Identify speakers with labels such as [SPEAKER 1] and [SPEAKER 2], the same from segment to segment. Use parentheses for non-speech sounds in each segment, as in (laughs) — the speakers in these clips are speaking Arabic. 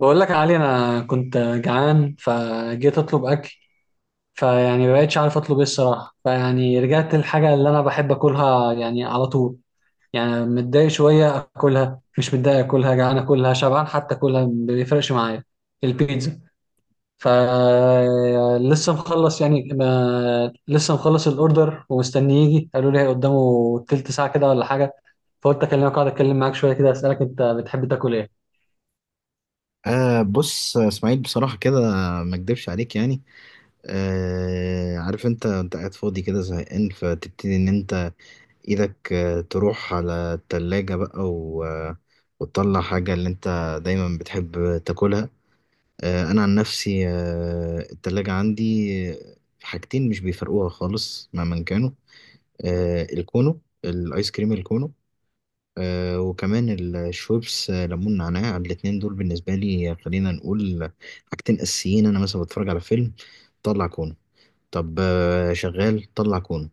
[SPEAKER 1] بقول لك يا علي، انا كنت جعان فجيت اطلب اكل. فيعني ما بقتش عارف اطلب ايه الصراحه. فيعني رجعت للحاجه اللي انا بحب اكلها يعني على طول. يعني متضايق شويه اكلها، مش متضايق اكلها، جعان اكلها، شبعان حتى اكلها، ما بيفرقش معايا. البيتزا. ف لسه مخلص يعني ما... لسه مخلص الاوردر ومستني يجي. قالوا لي قدامه تلت ساعه كده ولا حاجه. فقلت اكلمك اقعد اتكلم معاك شويه كده اسالك انت بتحب تاكل ايه.
[SPEAKER 2] بص يا اسماعيل، بصراحة كده ما اكدبش عليك يعني. عارف انت قاعد فاضي كده زهقان، فتبتدي ان انت ايدك تروح على التلاجة بقى و... آه، وتطلع حاجة اللي انت دايما بتحب تاكلها. انا عن نفسي، التلاجة عندي آه، حاجتين مش بيفرقوها خالص مهما كانوا. الكونو، الايس كريم الكونو، وكمان الشويبس، ليمون نعناع. الاتنين دول بالنسبة لي خلينا نقول حاجتين أساسيين. أنا مثلا بتفرج على فيلم طلع كونه، طب شغال طلع كونه،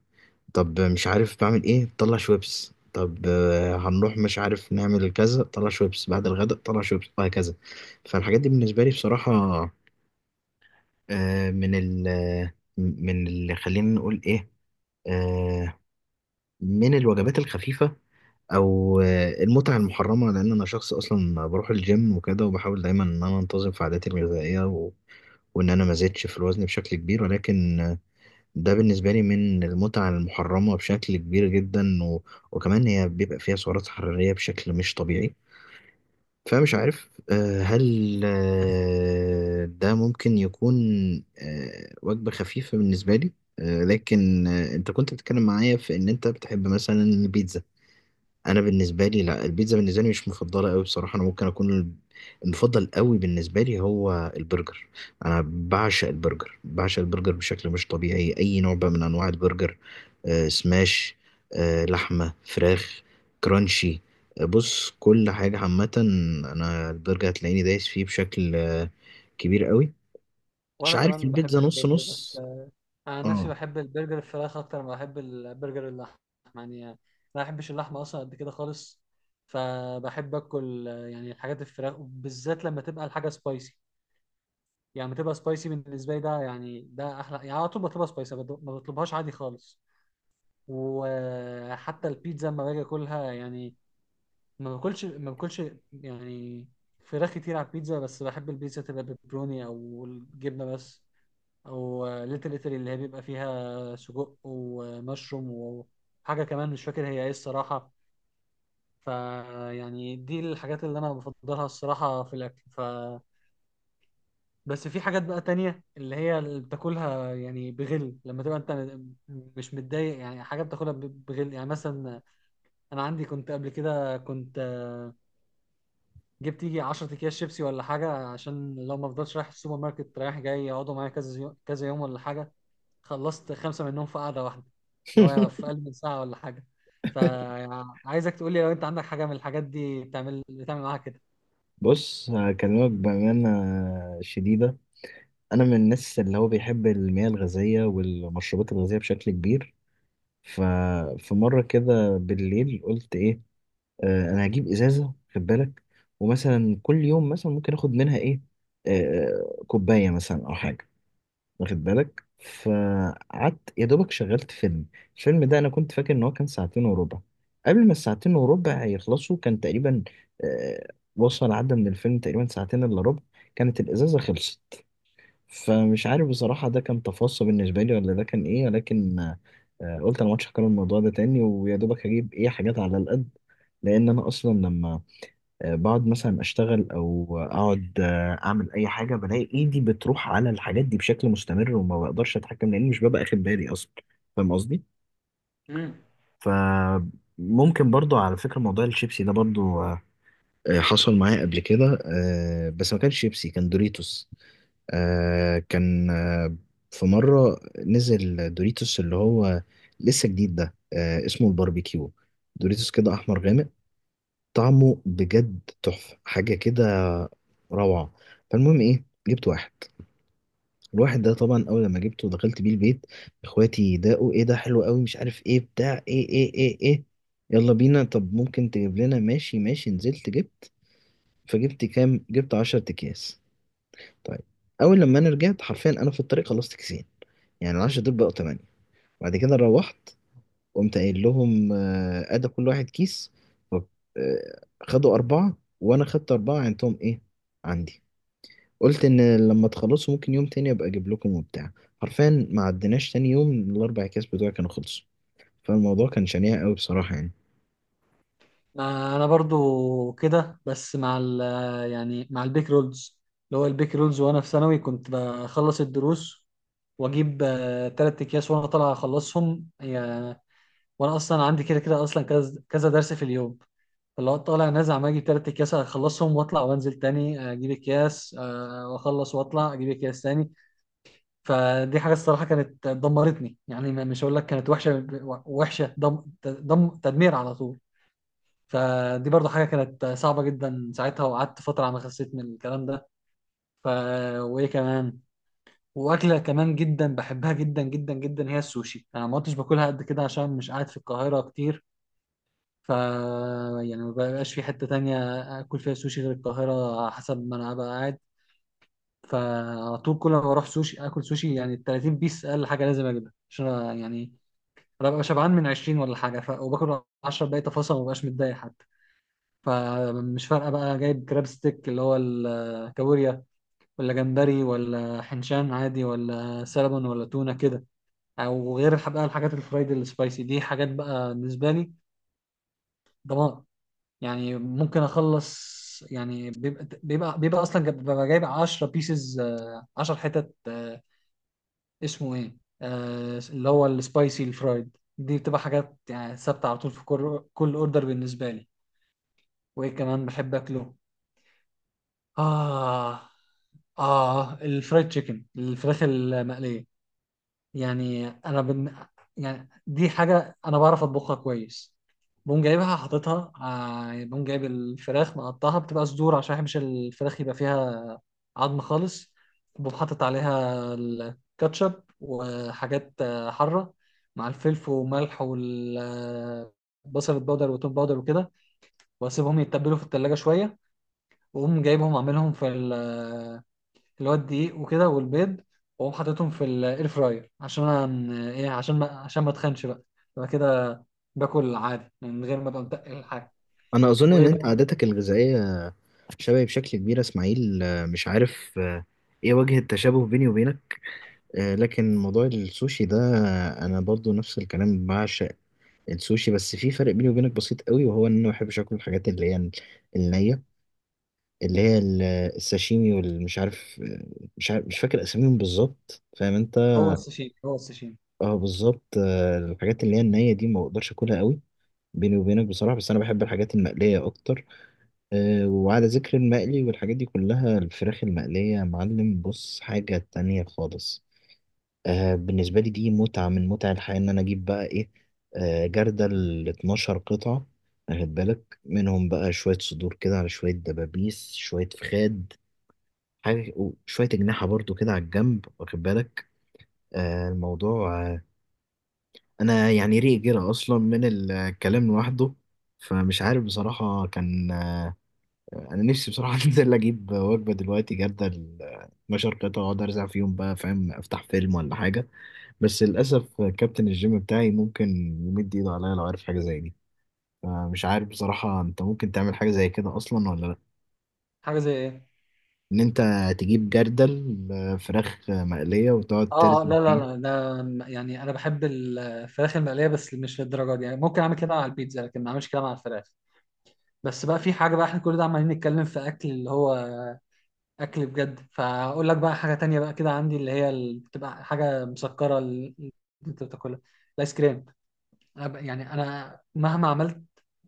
[SPEAKER 2] طب مش عارف بعمل إيه طلع شويبس، طب هنروح مش عارف نعمل كذا طلع شويبس، بعد الغداء طلع شويبس، وهكذا. فالحاجات دي بالنسبة لي بصراحة آه، من ال آه، من اللي خلينا نقول إيه، آه، من الوجبات الخفيفة او المتعه المحرمه، لان انا شخص اصلا بروح الجيم وكده، وبحاول دايما ان انا انتظم في عاداتي الغذائيه وان انا ما زدتش في الوزن بشكل كبير، ولكن ده بالنسبه لي من المتعه المحرمه بشكل كبير جدا وكمان هي بيبقى فيها سعرات حراريه بشكل مش طبيعي. فمش عارف، هل ده ممكن يكون وجبه خفيفه بالنسبه لي. لكن انت كنت بتتكلم معايا في ان انت بتحب مثلا البيتزا. انا بالنسبه لي لا، البيتزا بالنسبه لي مش مفضله قوي بصراحه. انا ممكن اكون المفضل قوي بالنسبه لي هو البرجر. انا بعشق البرجر، بعشق البرجر بشكل مش طبيعي. اي نوع بقى من انواع البرجر، سماش، لحمه، فراخ، كرانشي. بص كل حاجه عامه، انا البرجر هتلاقيني دايس فيه بشكل كبير قوي. مش
[SPEAKER 1] وانا
[SPEAKER 2] عارف،
[SPEAKER 1] كمان بحب
[SPEAKER 2] البيتزا نص
[SPEAKER 1] البرجر بس.
[SPEAKER 2] نص.
[SPEAKER 1] انا عن نفسي
[SPEAKER 2] اه.
[SPEAKER 1] بحب البرجر الفراخ اكتر ما بحب البرجر اللحم. يعني انا ما بحبش اللحمه اصلا قد كده خالص. فبحب اكل يعني الحاجات الفراخ بالذات لما تبقى الحاجه سبايسي. يعني لما تبقى سبايسي بالنسبه لي ده يعني ده احلى. يعني على طول بطلبها سبايسي، ما بطلبهاش عادي خالص. وحتى البيتزا لما باجي اكلها يعني ما باكلش ما باكلش يعني فراخ كتير على البيتزا. بس بحب البيتزا تبقى بيبروني او الجبنه بس، او ليتل ايطالي اللي هي بيبقى فيها سجق ومشروم وحاجه كمان مش فاكر هي ايه الصراحه. فيعني دي الحاجات اللي انا بفضلها الصراحه في الاكل. بس في حاجات بقى تانية اللي هي اللي بتاكلها يعني بغل لما تبقى مش متضايق، يعني حاجة بتاكلها بغل. يعني مثلا انا عندي كنت قبل كده، كنت جبت يجي 10 اكياس شيبسي ولا حاجة عشان لو ما افضلش رايح السوبر ماركت رايح جاي، يقعدوا معايا كذا كذا يوم ولا حاجة. خلصت خمسة منهم في قعدة واحدة، اللي هو في
[SPEAKER 2] (laughs)
[SPEAKER 1] أقل من ساعة ولا حاجة. فعايزك تقول لي لو أنت عندك حاجة من الحاجات دي بتعمل معاها كده.
[SPEAKER 2] بص هكلمك بامانه شديده. انا من الناس اللي هو بيحب المياه الغازيه والمشروبات الغازيه بشكل كبير. ففي مره كده بالليل قلت ايه، انا هجيب ازازه، خد بالك، ومثلا كل يوم مثلا ممكن اخد منها ايه، آه كوبايه مثلا او حاجه، واخد بالك. فقعدت يا دوبك شغلت فيلم. الفيلم ده انا كنت فاكر ان هو كان ساعتين وربع. قبل ما الساعتين وربع يخلصوا، كان تقريبا آه وصل، عدى من الفيلم تقريبا ساعتين الا ربع، كانت الازازه خلصت. فمش عارف بصراحة، ده كان تفصي بالنسبة لي ولا ده كان إيه، ولكن قلت أنا مش هكرر الموضوع ده تاني، ويا دوبك هجيب إيه حاجات على القد. لأن أنا أصلا لما بقعد مثلا أشتغل أو أقعد أعمل أي حاجة، بلاقي إيدي بتروح على الحاجات دي بشكل مستمر وما بقدرش أتحكم، لأني مش ببقى أخد بالي أصلا. فاهم قصدي؟
[SPEAKER 1] مم.
[SPEAKER 2] فممكن برضو على فكرة موضوع الشيبسي ده برضو حصل معايا قبل كده، بس ما كانش شيبسي، كان دوريتوس. آه كان آه في مرة نزل دوريتوس اللي هو لسه جديد ده، اسمه الباربيكيو، دوريتوس كده أحمر غامق. طعمه بجد تحفة، حاجة كده روعة. فالمهم إيه، جبت واحد. الواحد ده طبعا أول لما جبته ودخلت بيه البيت، إخواتي داقوا إيه ده حلو قوي، مش عارف إيه بتاع إيه إيه إيه إيه. يلا بينا، طب ممكن تجيب لنا، ماشي ماشي. نزلت جبت. فجبت كام؟ جبت 10 أكياس. طيب، أول لما أنا رجعت حرفيا أنا في الطريق خلصت كيسين. يعني العشرة دول بقوا تمانية. بعد كده روحت، قمت قايل لهم أدى كل واحد كيس. ف- خدوا أربعة وأنا خدت أربعة. عندهم إيه؟ عندي. قلت إن لما تخلصوا ممكن يوم تاني أبقى أجيب لكم وبتاع. حرفيا ما عدناش تاني يوم، ال4 أكياس بتوعي كانوا خلصوا. فالموضوع كان شنيع أوي بصراحة يعني.
[SPEAKER 1] ما أنا برضو كده بس مع يعني مع البيك رولز. اللي هو البيك رولز وأنا في ثانوي كنت بخلص الدروس وأجيب تلات أكياس وأنا طالع أخلصهم. وانا اصلا عندي كده كده اصلا كذا كذا درس في اليوم. فاللي هو طالع نازل عمال اجيب تلات اكياس اخلصهم واطلع وانزل تاني، اجيب اكياس، واخلص واطلع اجيب اكياس تاني. فدي حاجه الصراحه كانت دمرتني، يعني مش هقول لك كانت وحشه. وحشه دم دم تدمير على طول. فدي برضو حاجه كانت صعبه جدا ساعتها، وقعدت فتره على ما خسيت من الكلام ده. ف وايه كمان؟ واكله كمان جدا بحبها جدا جدا جدا هي السوشي. انا ما كنتش باكلها قد كده عشان مش قاعد في القاهره كتير. ف يعني ما بقاش في حتة تانية آكل فيها سوشي غير القاهرة على حسب ما أنا هبقى قاعد. فعلى طول كل ما بروح سوشي آكل سوشي، يعني ال 30 بيس أقل حاجة لازم أجيبها، عشان أنا يعني أنا ببقى شبعان من 20 ولا حاجة، وباكل 10 باقي تفاصيل ما ببقاش متضايق حتى. فمش فارقة بقى جايب كراب ستيك اللي هو الكابوريا، ولا جمبري، ولا حنشان عادي، ولا سلمون، ولا تونة كده. أو غير بقى الحاجات الفرايد السبايسي دي، حاجات بقى بالنسبة لي دمار. يعني ممكن اخلص يعني بيبقى اصلا ببقى جايب 10 بيسز، 10 حتت. اسمه ايه؟ اللي هو السبايسي الفرايد دي، بتبقى حاجات يعني ثابته على طول في كل اوردر بالنسبه لي. وايه كمان بحب اكله؟ اه. اه، الفرايد تشيكن، الفراخ المقليه. يعني يعني دي حاجه انا بعرف اطبخها كويس. بقوم جايب الفراخ مقطعها بتبقى صدور عشان ما بحبش الفراخ يبقى فيها عظم خالص. بقوم حاطط عليها الكاتشب وحاجات حاره، مع الفلفل وملح والبصل البودر والتوم باودر وكده. واسيبهم يتبلوا في التلاجة شويه، واقوم جايبهم اعملهم في اللي هو الدقيق وكده والبيض، واقوم حاططهم في الاير فراير عشان انا ايه، عشان ما اتخنش بقى. يبقى كده باكل عادي من غير ما ابقى متقل الحاجه.
[SPEAKER 2] أنا أظن إن
[SPEAKER 1] وايه
[SPEAKER 2] أنت
[SPEAKER 1] بقى؟
[SPEAKER 2] عاداتك الغذائية شبهي بشكل كبير يا إسماعيل، مش عارف إيه وجه التشابه بيني وبينك. لكن موضوع السوشي ده، أنا برضو نفس الكلام، بعشق السوشي. بس في فرق بيني وبينك بسيط قوي، وهو ان انا ما بحبش اكل الحاجات اللي هي النيه، اللي هي الساشيمي والمش عارف، مش عارف مش فاكر اساميهم بالظبط، فاهم انت.
[SPEAKER 1] هو السوشيمي.
[SPEAKER 2] اه بالظبط. الحاجات اللي هي النيه دي ما بقدرش اكلها قوي بيني وبينك بصراحه. بس انا بحب الحاجات المقليه اكتر. وعلى ذكر المقلي والحاجات دي كلها، الفراخ المقليه يا معلم بص حاجه تانية خالص. بالنسبة لي دي متعة من متع الحياة. إن أنا أجيب بقى إيه، جردل ال 12 قطعة، واخد بالك. منهم بقى شوية صدور كده، على شوية دبابيس، شوية فخاد حاجة، وشوية أجنحة برضو كده على الجنب، واخد بالك. آه الموضوع آه أنا يعني ريق جرى أصلا من الكلام لوحده. فمش عارف بصراحة كان أنا نفسي بصراحة (laughs) أنزل أجيب وجبة دلوقتي، جردل 12 قطعة، وأقعد أرزع فيهم بقى، فاهم، أفتح فيلم ولا حاجة. بس للأسف كابتن الجيم بتاعي ممكن يمد إيده عليا لو عارف حاجة زي دي. فمش عارف بصراحة أنت ممكن تعمل حاجة زي كده أصلا ولا لأ؟
[SPEAKER 1] حاجه زي ايه؟
[SPEAKER 2] إن أنت تجيب جردل فراخ مقلية، وتقعد
[SPEAKER 1] اه،
[SPEAKER 2] ترسم
[SPEAKER 1] لا لا
[SPEAKER 2] فيه.
[SPEAKER 1] لا لا يعني انا بحب الفراخ المقليه بس مش للدرجه دي. يعني ممكن اعمل كده على البيتزا لكن ما اعملش كده مع الفراخ. بس بقى في حاجه بقى، احنا كل ده عمالين نتكلم في اكل اللي هو اكل بجد. فاقول لك بقى حاجه تانية بقى كده عندي، اللي هي بتبقى حاجه مسكره اللي انت بتاكلها: الايس كريم. يعني انا مهما عملت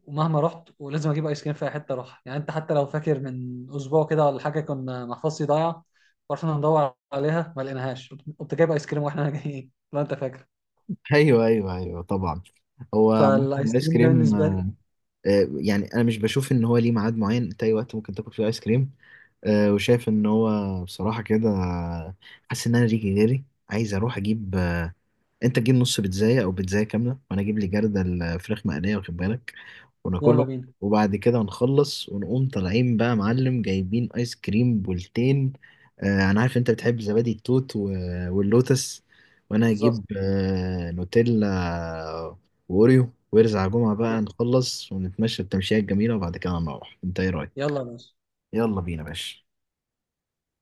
[SPEAKER 1] ومهما رحت ولازم اجيب ايس كريم في اي حته اروح. يعني انت حتى لو فاكر من اسبوع كده ولا حاجه، كنا محفظتي ضايعه ورحنا ندور عليها ما لقيناهاش، قمت جايب ايس كريم واحنا (laughs) جايين، لو انت فاكر.
[SPEAKER 2] (laughs) أيوه أيوه أيوه طبعا. هو ممكن
[SPEAKER 1] فالايس
[SPEAKER 2] الآيس
[SPEAKER 1] كريم ده
[SPEAKER 2] كريم
[SPEAKER 1] بالنسبه لي.
[SPEAKER 2] يعني أنا مش بشوف إن هو ليه ميعاد معين. أنت أي وقت ممكن تاكل فيه آيس كريم. وشايف إن هو بصراحة كده حاسس إن أنا ريجي غيري. عايز أروح أجيب أنت تجيب نص بيتزاية أو بيتزاية كاملة، وأنا أجيب لي جردل فراخ مقلية، واخد بالك
[SPEAKER 1] يلا
[SPEAKER 2] وناكله.
[SPEAKER 1] بينا.
[SPEAKER 2] وبعد كده نخلص ونقوم طالعين بقى معلم جايبين ايس كريم بولتين. انا عارف انت بتحب زبادي التوت واللوتس، وانا
[SPEAKER 1] بالظبط.
[SPEAKER 2] هجيب نوتيلا واوريو، وارزع جمعة بقى، نخلص ونتمشى التمشية الجميلة، وبعد كده نروح. انت ايه رايك؟
[SPEAKER 1] يلا يا باشا.
[SPEAKER 2] يلا بينا يا باشا.